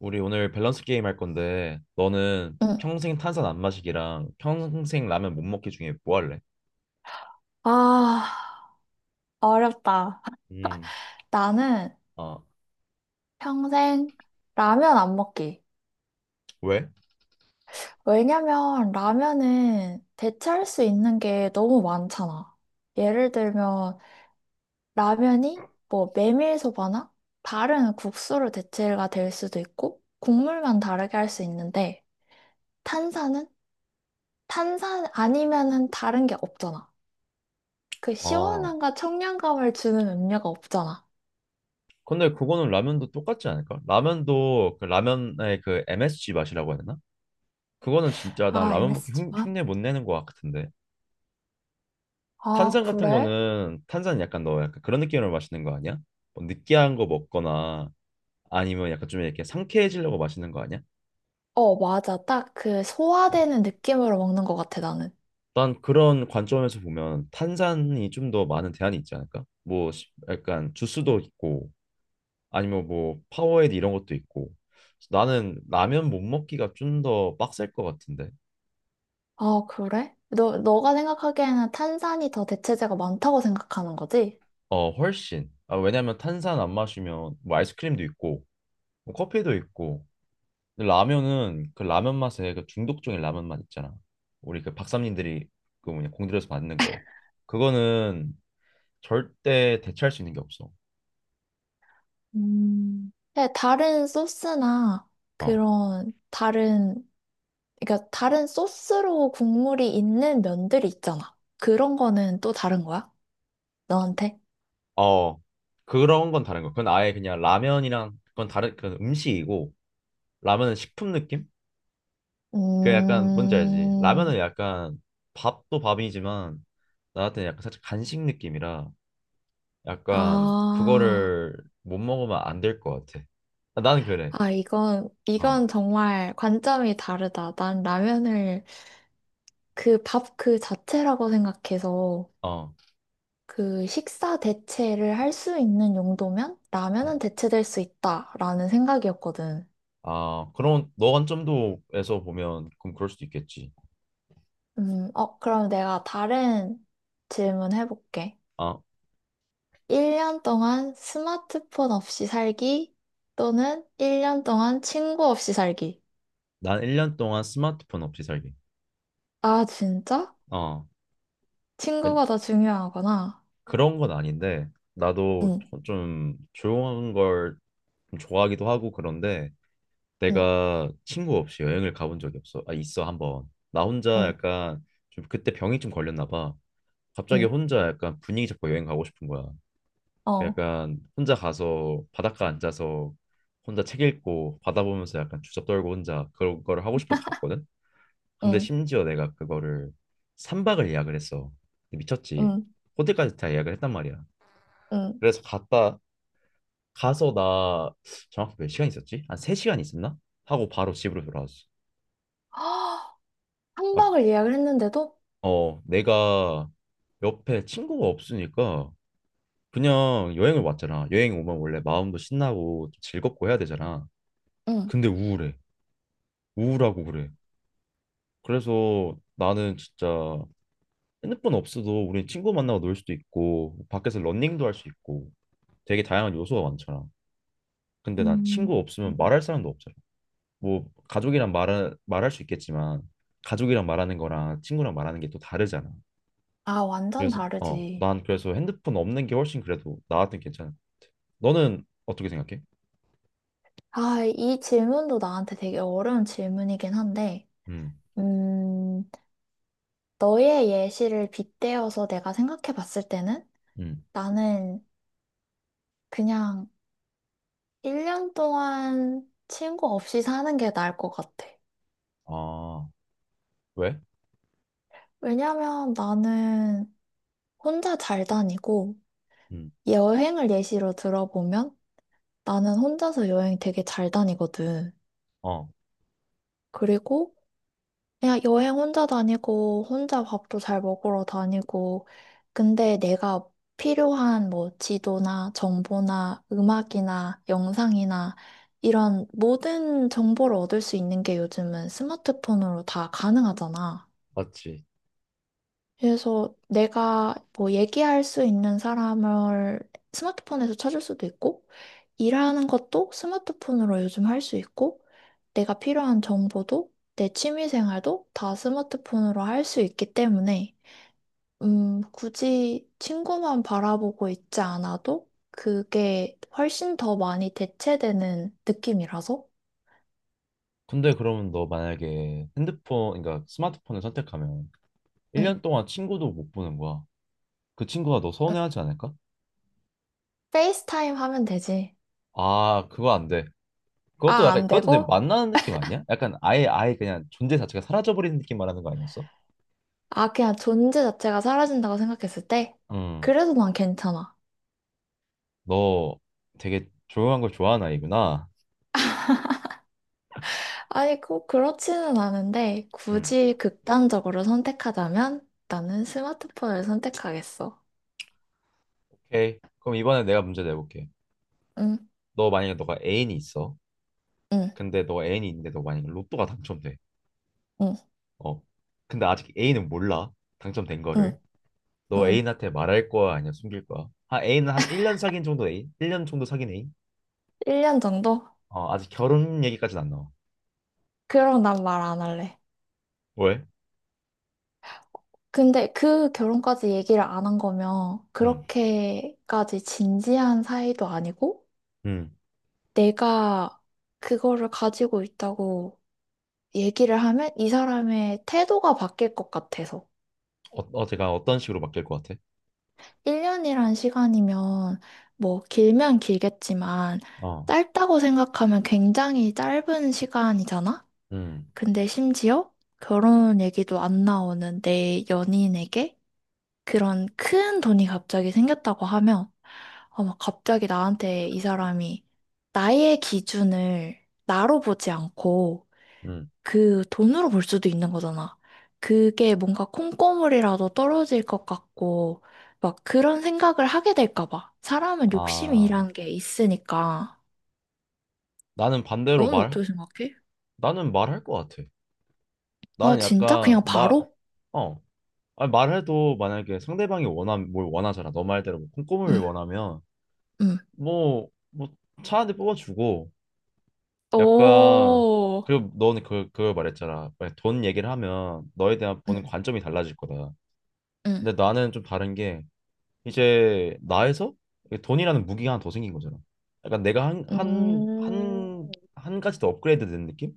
우리 오늘 밸런스 게임 할 건데 너는 응. 평생 탄산 안 마시기랑 평생 라면 못 먹기 중에 뭐 할래? 아, 어렵다. 음, 나는 아 평생 라면 안 먹기. 왜? 왜냐면 라면은 대체할 수 있는 게 너무 많잖아. 예를 들면 라면이 뭐 메밀소바나 다른 국수로 대체가 될 수도 있고 국물만 다르게 할 수 있는데 탄산은 탄산 아니면은 다른 게 없잖아. 그 아 시원함과 청량감을 주는 음료가 없잖아. 근데 그거는 라면도 똑같지 않을까? 라면도 라면의 그 MSG 맛이라고 해야 되나? 그거는 진짜 난 아, m 라면 먹기 s 지 만 흉내 못 내는 것 같은데 아, 탄산 같은 그래? 거는 탄산 약간 너 약간 그런 느낌으로 마시는 거 아니야? 뭐 느끼한 거 먹거나 아니면 약간 좀 이렇게 상쾌해지려고 마시는 거 아니야? 어, 맞아. 딱 그 어. 소화되는 느낌으로 먹는 것 같아, 나는. 난 그런 관점에서 보면 탄산이 좀 더 많은 대안이 있지 않을까? 뭐 약간 주스도 있고 아니면 뭐 파워에이드 이런 것도 있고 나는 라면 못 먹기가 좀 더 빡셀 것 같은데 아, 그래? 너가 생각하기에는 탄산이 더 대체재가 많다고 생각하는 거지? 어 훨씬 아, 왜냐면 탄산 안 마시면 뭐 아이스크림도 있고 뭐 커피도 있고 근데 라면은 그 라면 맛에 그 중독적인 라면 맛 있잖아. 우리 그 박사님들이 그 뭐냐 공들여서 만든 거 그거는 절대 대체할 수 있는 게 없어. 네, 다른 소스나 어. 그런 다른, 그러니까 다른 소스로 국물이 있는 면들이 있잖아. 그런 거는 또 다른 거야? 너한테? 어, 그런 건 다른 거. 그건 아예 그냥 라면이랑 그건 다른 그건 음식이고 라면은 식품 느낌? 그 약간 뭔지 알지? 음, 라면은 약간 밥도 밥이지만 나한테는 약간 살짝 간식 느낌이라 약간 아, 그거를 못 먹으면 안 될 것 같아. 아, 나는 그래. 아, 이건, 어, 이건 정말 관점이 다르다. 난 라면을 그 밥 그 자체라고 생각해서 어. 그 식사 대체를 할 수 있는 용도면 음. 라면은 대체될 수 있다라는 생각이었거든. 아, 그럼 너 관점도에서 보면 그럼 그럴 수도 있겠지. 그럼 내가 다른 질문 해볼게. 아, 1년 동안 스마트폰 없이 살기 또는 1년 동안 친구 없이 살기. 난 1년 동안 스마트폰 없이 살기. 아, 진짜? 어. 친구가 더 중요하구나. 그런 건 아닌데 나도 응, 좀 조용한 걸좀 좋아하기도 하고 그런데 응, 내가 친구 없이 여행을 가본 적이 없어. 아 있어 한번. 나 혼자 응, 약간 좀 그때 병이 좀 걸렸나 봐. 갑자기 응, 혼자 약간 분위기 잡고 여행 가고 싶은 거야. 그 어, 약간 혼자 가서 바닷가 앉아서 혼자 책 읽고 바다 보면서 약간 주접 떨고 혼자 그런 거를 하고 싶어서 갔거든. 근데 응, 심지어 내가 그거를 3박을 예약을 했어. 미쳤지. 응, 호텔까지 다 예약을 했단 말이야. 응. 그래서 갔다 가서 나 정확히 몇 시간 있었지? 한 3시간 있었나? 하고 바로 집으로 돌아왔어. 한 아, 박을 예약을 했는데도? 어, 내가 옆에 친구가 없으니까 그냥 여행을 왔잖아. 여행 오면 원래 마음도 신나고 좀 즐겁고 해야 되잖아. 응. 근데 우울해. 우울하고 그래. 그래서 나는 진짜 핸드폰 없어도 우리 친구 만나고 놀 수도 있고 밖에서 러닝도 할 수 있고 되게 다양한 요소가 많잖아. 근데 난 음. 친구 없으면 말할 사람도 없잖아. 뭐 가족이랑 말할 수 있겠지만 가족이랑 말하는 거랑 친구랑 말하는 게 또 다르잖아. 아, 완전 그래서 어, 다르지. 난 그래서 핸드폰 없는 게 훨씬 그래도 나한테 괜찮아. 너는 어떻게 생각해? 아, 이 질문도 나한테 되게 어려운 질문이긴 한데, 음, 음, 너의 예시를 빗대어서 내가 생각해 봤을 때는 음. 나는 그냥 1년 동안 친구 없이 사는 게 나을 것 같아. 아, 왜? 왜냐면 나는 혼자 잘 다니고, 음, 여행을 예시로 들어보면 나는 혼자서 여행 되게 잘 다니거든. 어, 그리고 그냥 여행 혼자 다니고, 혼자 밥도 잘 먹으러 다니고, 근데 내가 필요한 뭐 지도나 정보나 음악이나 영상이나 이런 모든 정보를 얻을 수 있는 게 요즘은 스마트폰으로 다 가능하잖아. 맞지. 그래서 내가 뭐 얘기할 수 있는 사람을 스마트폰에서 찾을 수도 있고, 일하는 것도 스마트폰으로 요즘 할 수 있고, 내가 필요한 정보도 내 취미 생활도 다 스마트폰으로 할 수 있기 때문에, 굳이 친구만 바라보고 있지 않아도 그게 훨씬 더 많이 대체되는 느낌이라서, 근데 그러면 너 만약에 핸드폰, 그러니까 스마트폰을 선택하면 응, 1년 동안 친구도 못 보는 거야. 그 친구가 너 응. 서운해하지 않을까? 페이스타임 하면 되지. 아, 그거 안 돼. 그것도 아, 약간 안 그것도 내 되고? 만나는 느낌 아니야? 약간 아예 그냥 존재 자체가 사라져버리는 느낌 말하는 거 아니었어? 아, 그냥 존재 자체가 사라진다고 생각했을 때? 음, 그래도 난 괜찮아. 너 되게 조용한 걸 좋아하는 아이구나. 아니, 꼭 그렇지는 않은데, 음, 굳이 극단적으로 선택하자면 나는 스마트폰을 선택하겠어. 오케이. 그럼 이번에 내가 문제 내볼게. 응, 너 만약에 너가 애인이 있어. 응, 근데 너가 애인이 있는데 너 만약에 로또가 당첨돼. 응, 어. 근데 아직 애인은 몰라. 당첨된 응, 거를. 너 응. 애인한테 말할 거야? 아니면 숨길 거야? 한 애인은 한 1년 사귄 정도 애인? 1년 정도 사귄 애인? 1년 정도? 어, 아직 결혼 얘기까지는 안 나와. 그럼 난 말 안 할래. 왜? 근데 그 결혼까지 얘기를 안 한 거면 음, 그렇게까지 진지한 사이도 아니고, 음. 내가 그거를 가지고 있다고 얘기를 하면 이 사람의 태도가 바뀔 것 같아서. 어, 어제가 어떤 식으로 바뀔 것 같아? 1년이란 시간이면 뭐 길면 길겠지만 어, 짧다고 생각하면 굉장히 짧은 시간이잖아? 음, 근데 심지어 결혼 얘기도 안 나오는 내 연인에게 그런 큰 돈이 갑자기 생겼다고 하면 아마 갑자기 나한테 이 사람이 나의 기준을 나로 보지 않고 음. 그 돈으로 볼 수도 있는 거잖아. 그게 뭔가 콩고물이라도 떨어질 것 같고, 막 그런 생각을 하게 될까 봐. 사람은 아, 욕심이란 게 있으니까. 나는 반대로 너는 어떻게 생각해? 나는 말할 것 같아. 아, 나는 진짜? 약간 그냥 바로? 어, 아니, 말해도 만약에 상대방이 뭘 원하잖아. 너 말대로 뭐 꼼꼼을 응, 원하면 응. 뭐차 한 대 뽑아주고 약간 오, 그리고 너는 그걸 말했잖아. 만약에 돈 얘기를 하면 너에 대한 보는 응, 관점이 달라질 거다. 응. 근데 나는 좀 다른 게 이제 나에서 돈이라는 무기가 하나 더 생긴 거잖아. 약간 내가 음. 한 가지 더 업그레이드 된 느낌?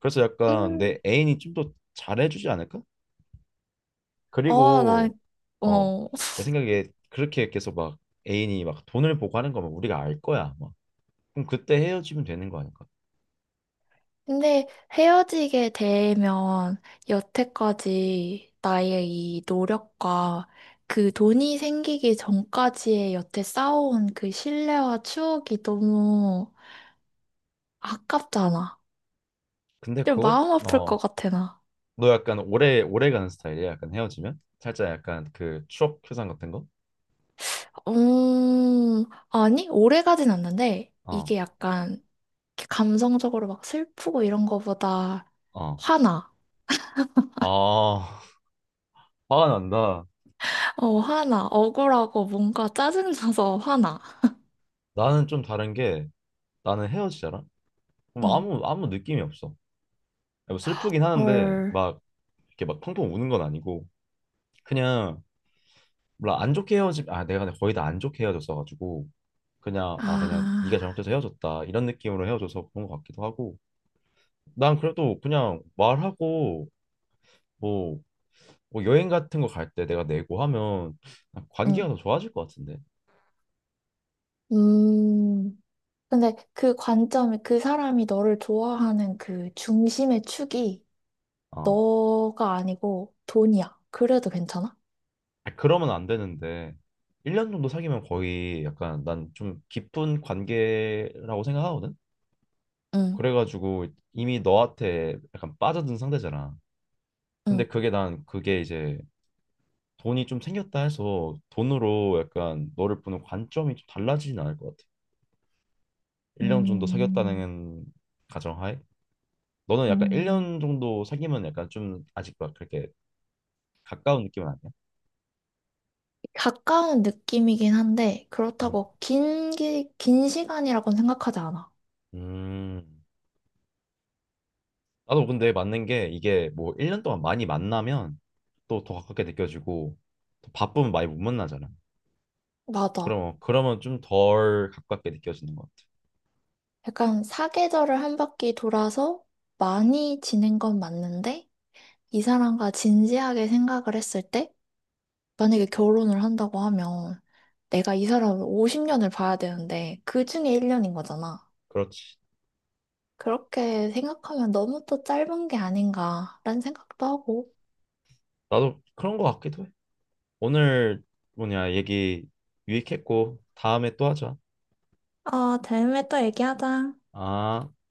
그래서 약간 음. 내 애인이 좀 더 잘해주지 않을까? 아, 난, 그리고 어, 어, 내 생각에 그렇게 계속 막 애인이 막 돈을 보고 하는 거면 우리가 알 거야. 막. 그럼 그때 헤어지면 되는 거 아닐까? 근데 헤어지게 되면 여태까지 나의 이 노력과 그 돈이 생기기 전까지의 여태 쌓아온 그 신뢰와 추억이 너무 아깝잖아. 근데 좀 그것 마음 아플 것 어, 같아, 나. 너 약간 오래 가는 스타일이야. 약간 헤어지면 살짝 약간 그 추억 회상 같은 거? 아니, 오래 가진 않는데 어, 이게 약간 이렇게 감성적으로 막 슬프고 이런 거보다 어. 화나. 아, 화가 난다. 어, 화나. 억울하고 뭔가 짜증나서 화나. 나는 좀 다른 게 나는 헤어지잖아. 그럼 응. 아무 느낌이 없어. 뭐 슬프긴 하는데 헐. 막 이렇게 막 펑펑 우는 건 아니고 그냥 몰라 안 좋게 헤어지 아 내가 근데 거의 다 안 좋게 헤어졌어가지고 그냥 아 그냥 네가 아. 잘못해서 헤어졌다 이런 느낌으로 헤어져서 그런 것 같기도 하고 난 그래도 그냥 말하고 뭐, 뭐 여행 같은 거 갈 때 내가 내고 하면 아, 응. 관계가 더 좋아질 것 같은데 음. 근데 그 관점이 그 사람이 너를 좋아하는 그 중심의 축이 아 너가 아니고 돈이야. 그래도 괜찮아? 아, 그러면 안 되는데 1년 정도 사귀면 거의 약간 난 좀 깊은 관계라고 생각하거든 응, 그래가지고 이미 너한테 약간 빠져든 상태잖아 응. 근데 그게 난 그게 이제 돈이 좀 생겼다 해서 돈으로 약간 너를 보는 관점이 좀 달라지진 않을 것 같아. 1년 정도 음, 사귀었다는 가정하에 너는 약간 음. 1년 정도 사귀면 약간 좀 아직 막 그렇게 가까운 느낌은 아니야? 가까운 느낌이긴 한데 음. 그렇다고 긴 시간이라고는 생각하지 않아. 음. 나도 근데 맞는 게 이게 뭐 1년 동안 많이 만나면 또 더 가깝게 느껴지고 또 바쁘면 많이 못 만나잖아. 맞아. 그럼 그러면 좀 덜 가깝게 느껴지는 것 같아. 약간 사계절을 한 바퀴 돌아서 많이 지낸 건 맞는데 이 사람과 진지하게 생각을 했을 때 만약에 결혼을 한다고 하면 내가 이 사람을 50년을 봐야 되는데 그 중에 1년인 거잖아. 그렇지. 그렇게 생각하면 너무 또 짧은 게 아닌가라는 생각도 하고. 나도 그런 것 같기도 해. 오늘 뭐냐 얘기 유익했고 다음에 또 하자. 어, 다음에 또 얘기하자. 아.